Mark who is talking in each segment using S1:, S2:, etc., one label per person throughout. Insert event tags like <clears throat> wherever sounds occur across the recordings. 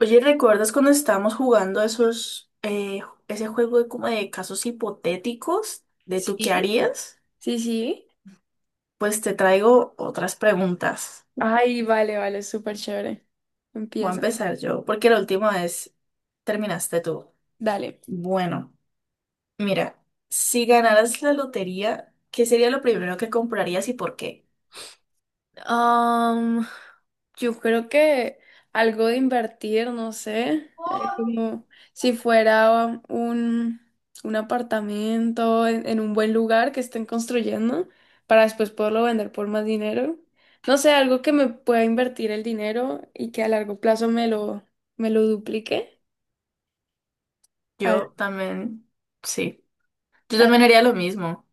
S1: Oye, ¿recuerdas cuando estábamos jugando esos, ese juego de como de casos hipotéticos de tú qué
S2: Sí,
S1: harías?
S2: sí, sí.
S1: Pues te traigo otras preguntas.
S2: Ay, vale, vale, súper chévere.
S1: Voy a
S2: Empieza.
S1: empezar yo, porque la última vez terminaste tú.
S2: Dale.
S1: Bueno, mira, si ganaras la lotería, ¿qué sería lo primero que comprarías y por qué?
S2: Am, yo creo que algo de invertir, no sé, como si fuera un apartamento en un buen lugar que estén construyendo para después poderlo vender por más dinero. No sé, algo que me pueda invertir el dinero y que a largo plazo me lo duplique.
S1: Yo también, sí, yo también haría lo mismo.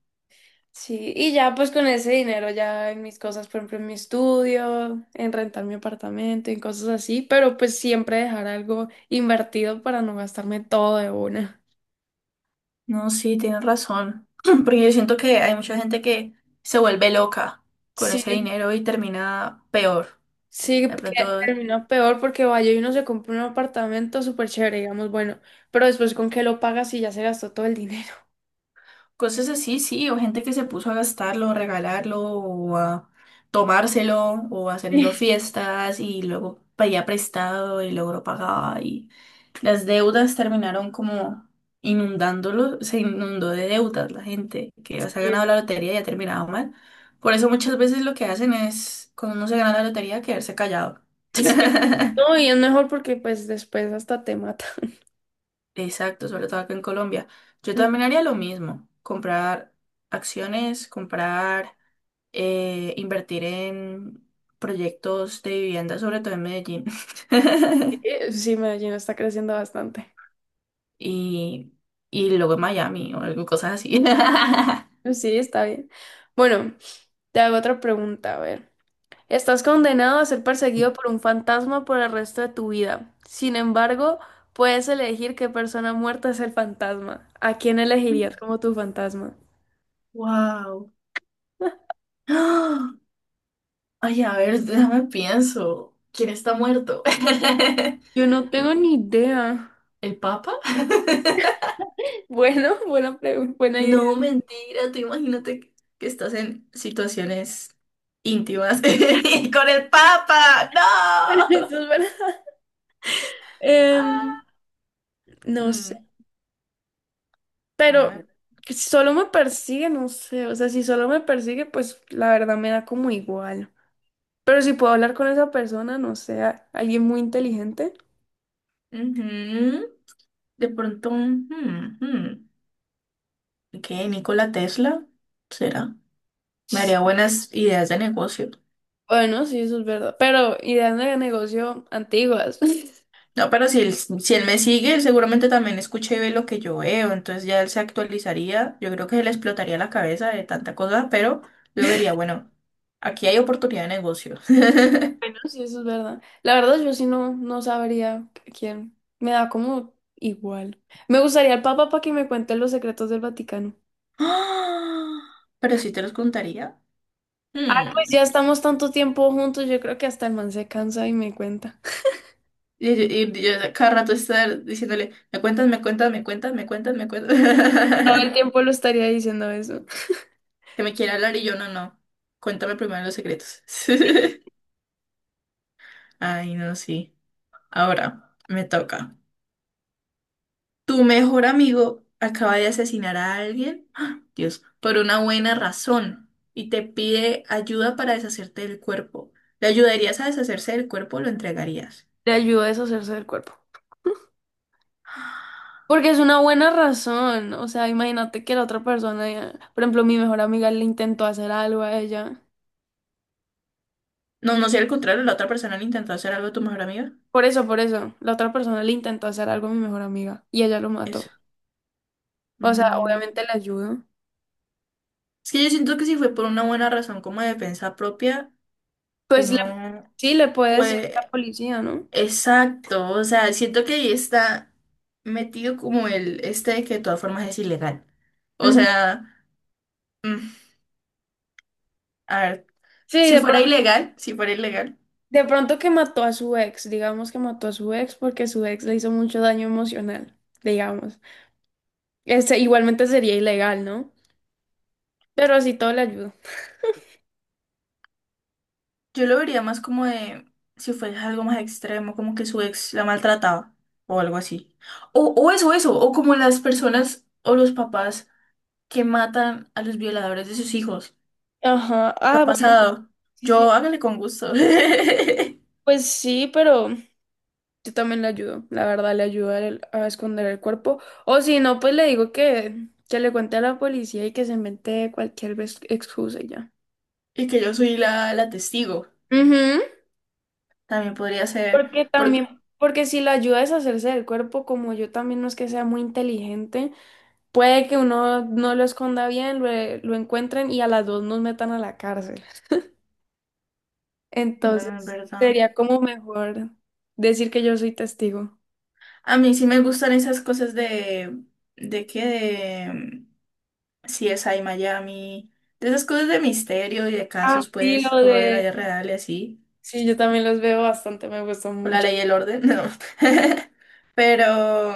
S2: Sí, y ya pues con ese dinero ya en mis cosas, por ejemplo, en mi estudio, en rentar mi apartamento, en cosas así, pero pues siempre dejar algo invertido para no gastarme todo de una.
S1: No, sí, tienes razón. <clears throat> Porque yo siento que hay mucha gente que se vuelve loca con
S2: Sí,
S1: ese dinero y termina peor.
S2: sí,
S1: De
S2: que
S1: pronto,
S2: termina peor porque vaya y uno se compra un apartamento súper chévere, digamos, bueno, pero después con qué lo pagas y ya se gastó todo el dinero.
S1: cosas así, sí, o gente que se puso a gastarlo, regalarlo, o a tomárselo, o haciendo
S2: <laughs>
S1: fiestas y luego pedía prestado y logró pagar y las deudas terminaron como inundándolo, se inundó de deudas la gente que ya se ha
S2: Sí,
S1: ganado la lotería y ha terminado mal. Por eso muchas veces lo que hacen es, cuando uno se gana la lotería, quedarse callado. <laughs>
S2: sí. No, y es mejor porque pues después hasta te mata.
S1: Exacto, sobre todo acá en Colombia. Yo
S2: <laughs> Ujú.
S1: también haría lo mismo, comprar acciones, comprar, invertir en proyectos de vivienda, sobre todo en Medellín. <laughs>
S2: Sí, Medellín está creciendo bastante.
S1: Y, luego en Miami o algo, cosas así.
S2: Sí, está bien. Bueno, te hago otra pregunta, a ver. Estás condenado a ser perseguido por un fantasma por el resto de tu vida. Sin embargo, puedes elegir qué persona muerta es el fantasma. ¿A quién elegirías
S1: <laughs>
S2: como tu fantasma?
S1: Wow. ¡Ah! Ay, a ver, déjame pienso. ¿Quién está muerto? <laughs>
S2: Yo no tengo
S1: No,
S2: ni idea. <laughs>
S1: ¿el Papa? <laughs>
S2: Bueno, buena pregunta, buena idea.
S1: No, mentira, tú imagínate que estás en situaciones íntimas <laughs> y con el Papa.
S2: <laughs>
S1: ¡No!
S2: Eso es verdad. Em,
S1: Ah,
S2: no sé,
S1: mm,
S2: pero
S1: déjame.
S2: si solo me persigue, no sé. O sea, si solo me persigue, pues la verdad me da como igual. Pero si puedo hablar con esa persona, no sé, alguien muy inteligente.
S1: Ujú. De pronto, ¿Qué? ¿Nikola Tesla? ¿Será? Me haría buenas ideas de negocio.
S2: Bueno, sí, eso es verdad. Pero ideas de negocio antiguas. <laughs>
S1: No, pero si él, si él me sigue, él seguramente también escucha y ve lo que yo veo, entonces ya él se actualizaría, yo creo que se le explotaría la cabeza de tanta cosa, pero yo diría, bueno, aquí hay oportunidad de negocio. <gasps> <laughs>
S2: Bueno, sí, eso es verdad. La verdad, yo sí no, no sabría quién. Me da como igual. Me gustaría el Papa para que me cuente los secretos del Vaticano.
S1: ¡Ah! Pero si te los contaría.
S2: Pues ya
S1: Hmm.
S2: estamos tanto tiempo juntos, yo creo que hasta el man se cansa y me cuenta. <laughs>
S1: Y, yo cada rato estar diciéndole, me cuentas, me cuentas, me cuentas, me cuentas, me cuentas.
S2: Todo el
S1: <laughs>
S2: tiempo lo estaría diciendo eso.
S1: Que me quiere hablar y yo no, no. Cuéntame primero los secretos. <laughs> Ay, no, sí. Ahora, me toca. Tu mejor amigo acaba de asesinar a alguien, ¡ah! Dios, por una buena razón y te pide ayuda para deshacerte del cuerpo. ¿Le ayudarías a deshacerse del cuerpo o lo entregarías?
S2: Le ayuda a deshacerse del cuerpo. Porque es una buena razón. O sea, imagínate que la otra persona, ya- por ejemplo, mi mejor amiga le intentó hacer algo a ella.
S1: No, no sé, al contrario, la otra persona le intentó hacer algo a tu mejor amiga.
S2: Por eso, la otra persona le intentó hacer algo a mi mejor amiga y ella lo mató.
S1: Eso.
S2: O sea,
S1: Mm.
S2: obviamente le ayudo.
S1: Es que yo siento que si fue por una buena razón como de defensa propia,
S2: Pues le-
S1: uno
S2: sí, le puede decir a la
S1: fue...
S2: policía, ¿no?
S1: Exacto, o sea, siento que ahí está metido como el este de que de todas formas es ilegal. O
S2: Ujú.
S1: sea... mm, a ver,
S2: Sí,
S1: si fuera ilegal,
S2: de pronto que mató a su ex, digamos que mató a su ex porque su ex le hizo mucho daño emocional, digamos. Este, igualmente sería ilegal, ¿no? Pero así todo le ayuda.
S1: yo lo vería más como de si fuera algo más extremo, como que su ex la maltrataba o algo así. O, eso, o como las personas o los papás que matan a los violadores de sus hijos.
S2: Ajá.
S1: ¿Qué ha
S2: Ah, bueno,
S1: pasado?
S2: sí, sí.
S1: Yo hágale con gusto. <laughs>
S2: Pues sí, pero yo también le ayudo, la verdad, le ayudo a, él a esconder el cuerpo. O si no, pues le digo que le cuente a la policía y que se invente cualquier excusa y ya.
S1: Y que yo soy la, la testigo.
S2: Ujú.
S1: También podría ser.
S2: Porque
S1: por-
S2: también, porque si la ayuda a deshacerse del cuerpo, como yo también no es que sea muy inteligente, puede que uno no lo esconda bien, lo encuentren y a las dos nos metan a la cárcel.
S1: bueno, en
S2: Entonces,
S1: verdad.
S2: sería como mejor decir que yo soy testigo.
S1: A mí sí me gustan esas cosas de. ¿De qué? Si es ahí Miami, de esas cosas de misterio y de
S2: Ah,
S1: casos,
S2: sí,
S1: pues,
S2: lo
S1: o de la
S2: de...
S1: vida real y así,
S2: Sí, yo también los veo bastante, me gustan
S1: o la
S2: mucho.
S1: ley y el orden, <laughs> no. <laughs> Pero,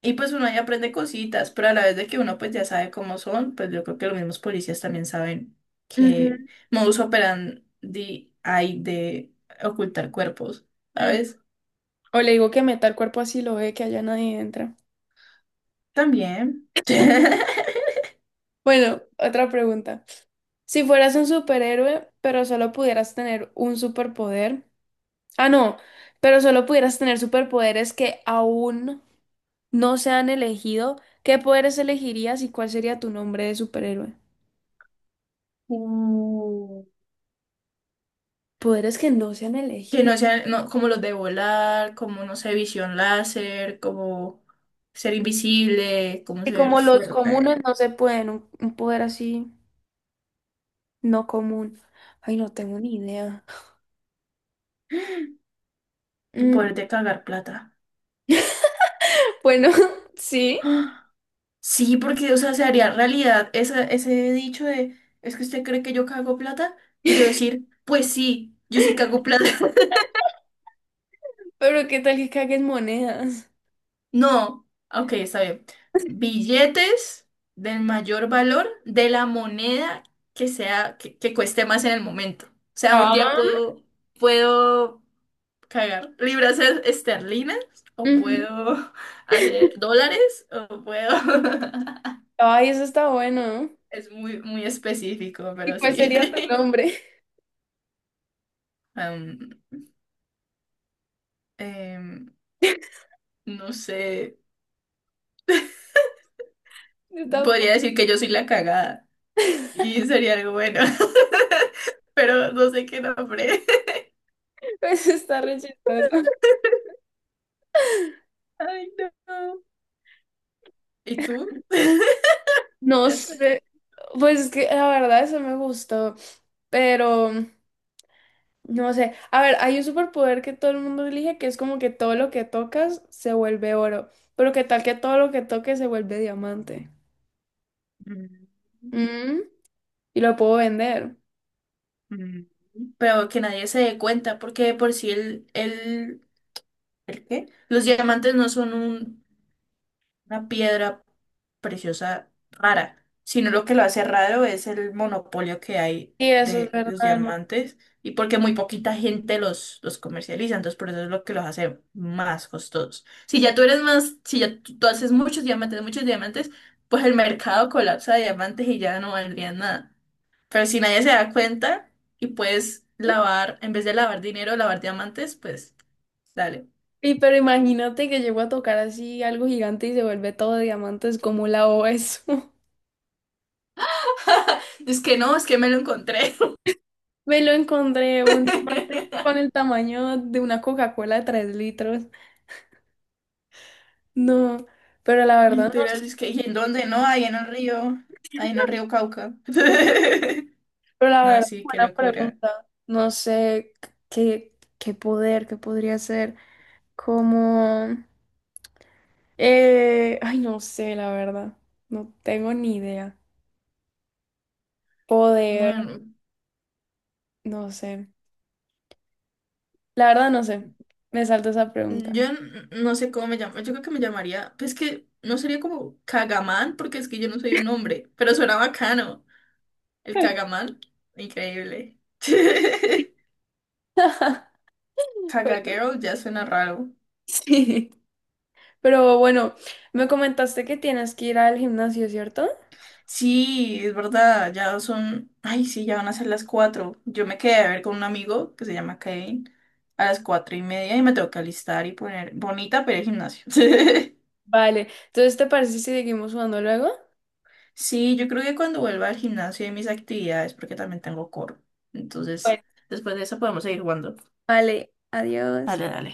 S1: y pues uno ahí aprende cositas, pero a la vez de que uno pues ya sabe cómo son, pues yo creo que los mismos policías también saben
S2: Ujú.
S1: que modus operandi hay de ocultar cuerpos,
S2: Mm.
S1: ¿sabes?
S2: O le digo que meta el cuerpo así lo ve, que allá nadie entra.
S1: También. <laughs>
S2: Bueno, otra pregunta. Si fueras un superhéroe, pero solo pudieras tener un superpoder. Ah, no, pero solo pudieras tener superpoderes que aún no se han elegido. ¿Qué poderes elegirías y cuál sería tu nombre de superhéroe?
S1: Mm.
S2: Poderes que no se han
S1: Que
S2: elegido.
S1: no sean no, como los de volar, como, no sé, visión láser, como ser invisible, como
S2: Y
S1: ser
S2: como los comunes
S1: fuerte,
S2: no se pueden, un poder así no común. Ay, no tengo ni idea.
S1: el
S2: Mm,
S1: poder de cagar plata.
S2: <laughs> bueno, <laughs> sí.
S1: <gasps> ¡Ah! Sí, porque, o sea, se haría realidad esa- ese dicho de, es que usted cree que yo cago plata, y yo
S2: <laughs>
S1: decir, pues sí, yo sí cago plata. <laughs>
S2: Pero qué tal que caguen monedas.
S1: No, ok, está bien. Billetes del mayor valor de la moneda que sea, que cueste más en el momento. O sea, un día
S2: Ah,
S1: puedo, puedo cagar libras esterlinas o
S2: ujú.
S1: puedo <laughs> hacer dólares o puedo... <laughs>
S2: Ay, eso está bueno.
S1: Es muy, muy específico,
S2: ¿Y
S1: pero
S2: cuál
S1: sí.
S2: sería tu nombre?
S1: <laughs> Am, em, no sé,
S2: <laughs> Yo tampoco.
S1: podría decir que yo soy la cagada
S2: <laughs>
S1: y sería algo bueno, <laughs> pero no sé qué nombre.
S2: Eso está re chistoso.
S1: <laughs> Ay, no. ¿Y tú?
S2: No sé,
S1: <laughs>
S2: pues es que la verdad eso me gustó, pero no sé. A ver, hay un superpoder que todo el mundo elige que es como que todo lo que tocas se vuelve oro, pero qué tal que todo lo que toques se vuelve diamante.
S1: Mm,
S2: Mm, y lo puedo vender.
S1: mm. Pero que nadie se dé cuenta, porque de por si el, ¿el qué? Los diamantes no son un una piedra preciosa rara, sino lo que lo hace raro es el monopolio que hay
S2: Y eso es
S1: de los
S2: verdad.
S1: diamantes y porque muy poquita gente los comercializa, entonces por eso es lo que los hace más costosos. Si ya tú eres más, si ya tú haces muchos diamantes, pues el mercado colapsa de diamantes y ya no valdría nada. Pero si nadie se da cuenta y puedes lavar, en vez de lavar dinero, lavar diamantes, pues dale.
S2: Y pero imagínate que llego a tocar así algo gigante y se vuelve todo diamantes, como la hago eso? <laughs>
S1: <laughs> Es que no, es que me lo encontré.
S2: Me lo encontré un diamante con
S1: <laughs>
S2: el tamaño de una Coca-Cola de 3 litros. No, pero la verdad no
S1: Literal,
S2: sé,
S1: es que, ¿y en dónde? No, ahí en el río, ahí en el río Cauca. <laughs>
S2: pero la
S1: No,
S2: verdad,
S1: sí, qué
S2: buena
S1: locura.
S2: pregunta. No sé qué poder, qué podría ser. Como, ay, no sé, la verdad. No tengo ni idea. Poder,
S1: Bueno,
S2: no sé. La verdad no sé. Me salto esa pregunta.
S1: yo no sé cómo me llamo, yo creo que me llamaría, pues que no sería como Cagamán, porque es que yo no soy un hombre, pero suena bacano. El Cagamán, increíble. <laughs> Caga
S2: <laughs> <laughs>
S1: Girl ya suena raro.
S2: Sí, pero bueno, me comentaste que tienes que ir al gimnasio, ¿cierto?
S1: Sí, es verdad, ya son, ay, sí, ya van a ser las 4. Yo me quedé a ver con un amigo que se llama Kevin a las 4:30 y me tengo que alistar y poner bonita para ir al gimnasio. <laughs>
S2: Vale, entonces, ¿te parece si seguimos jugando luego?
S1: Sí, yo creo que cuando vuelva al gimnasio y mis actividades, porque también tengo coro. Entonces,
S2: Bueno.
S1: después de eso podemos seguir jugando.
S2: Vale, adiós.
S1: Dale, dale.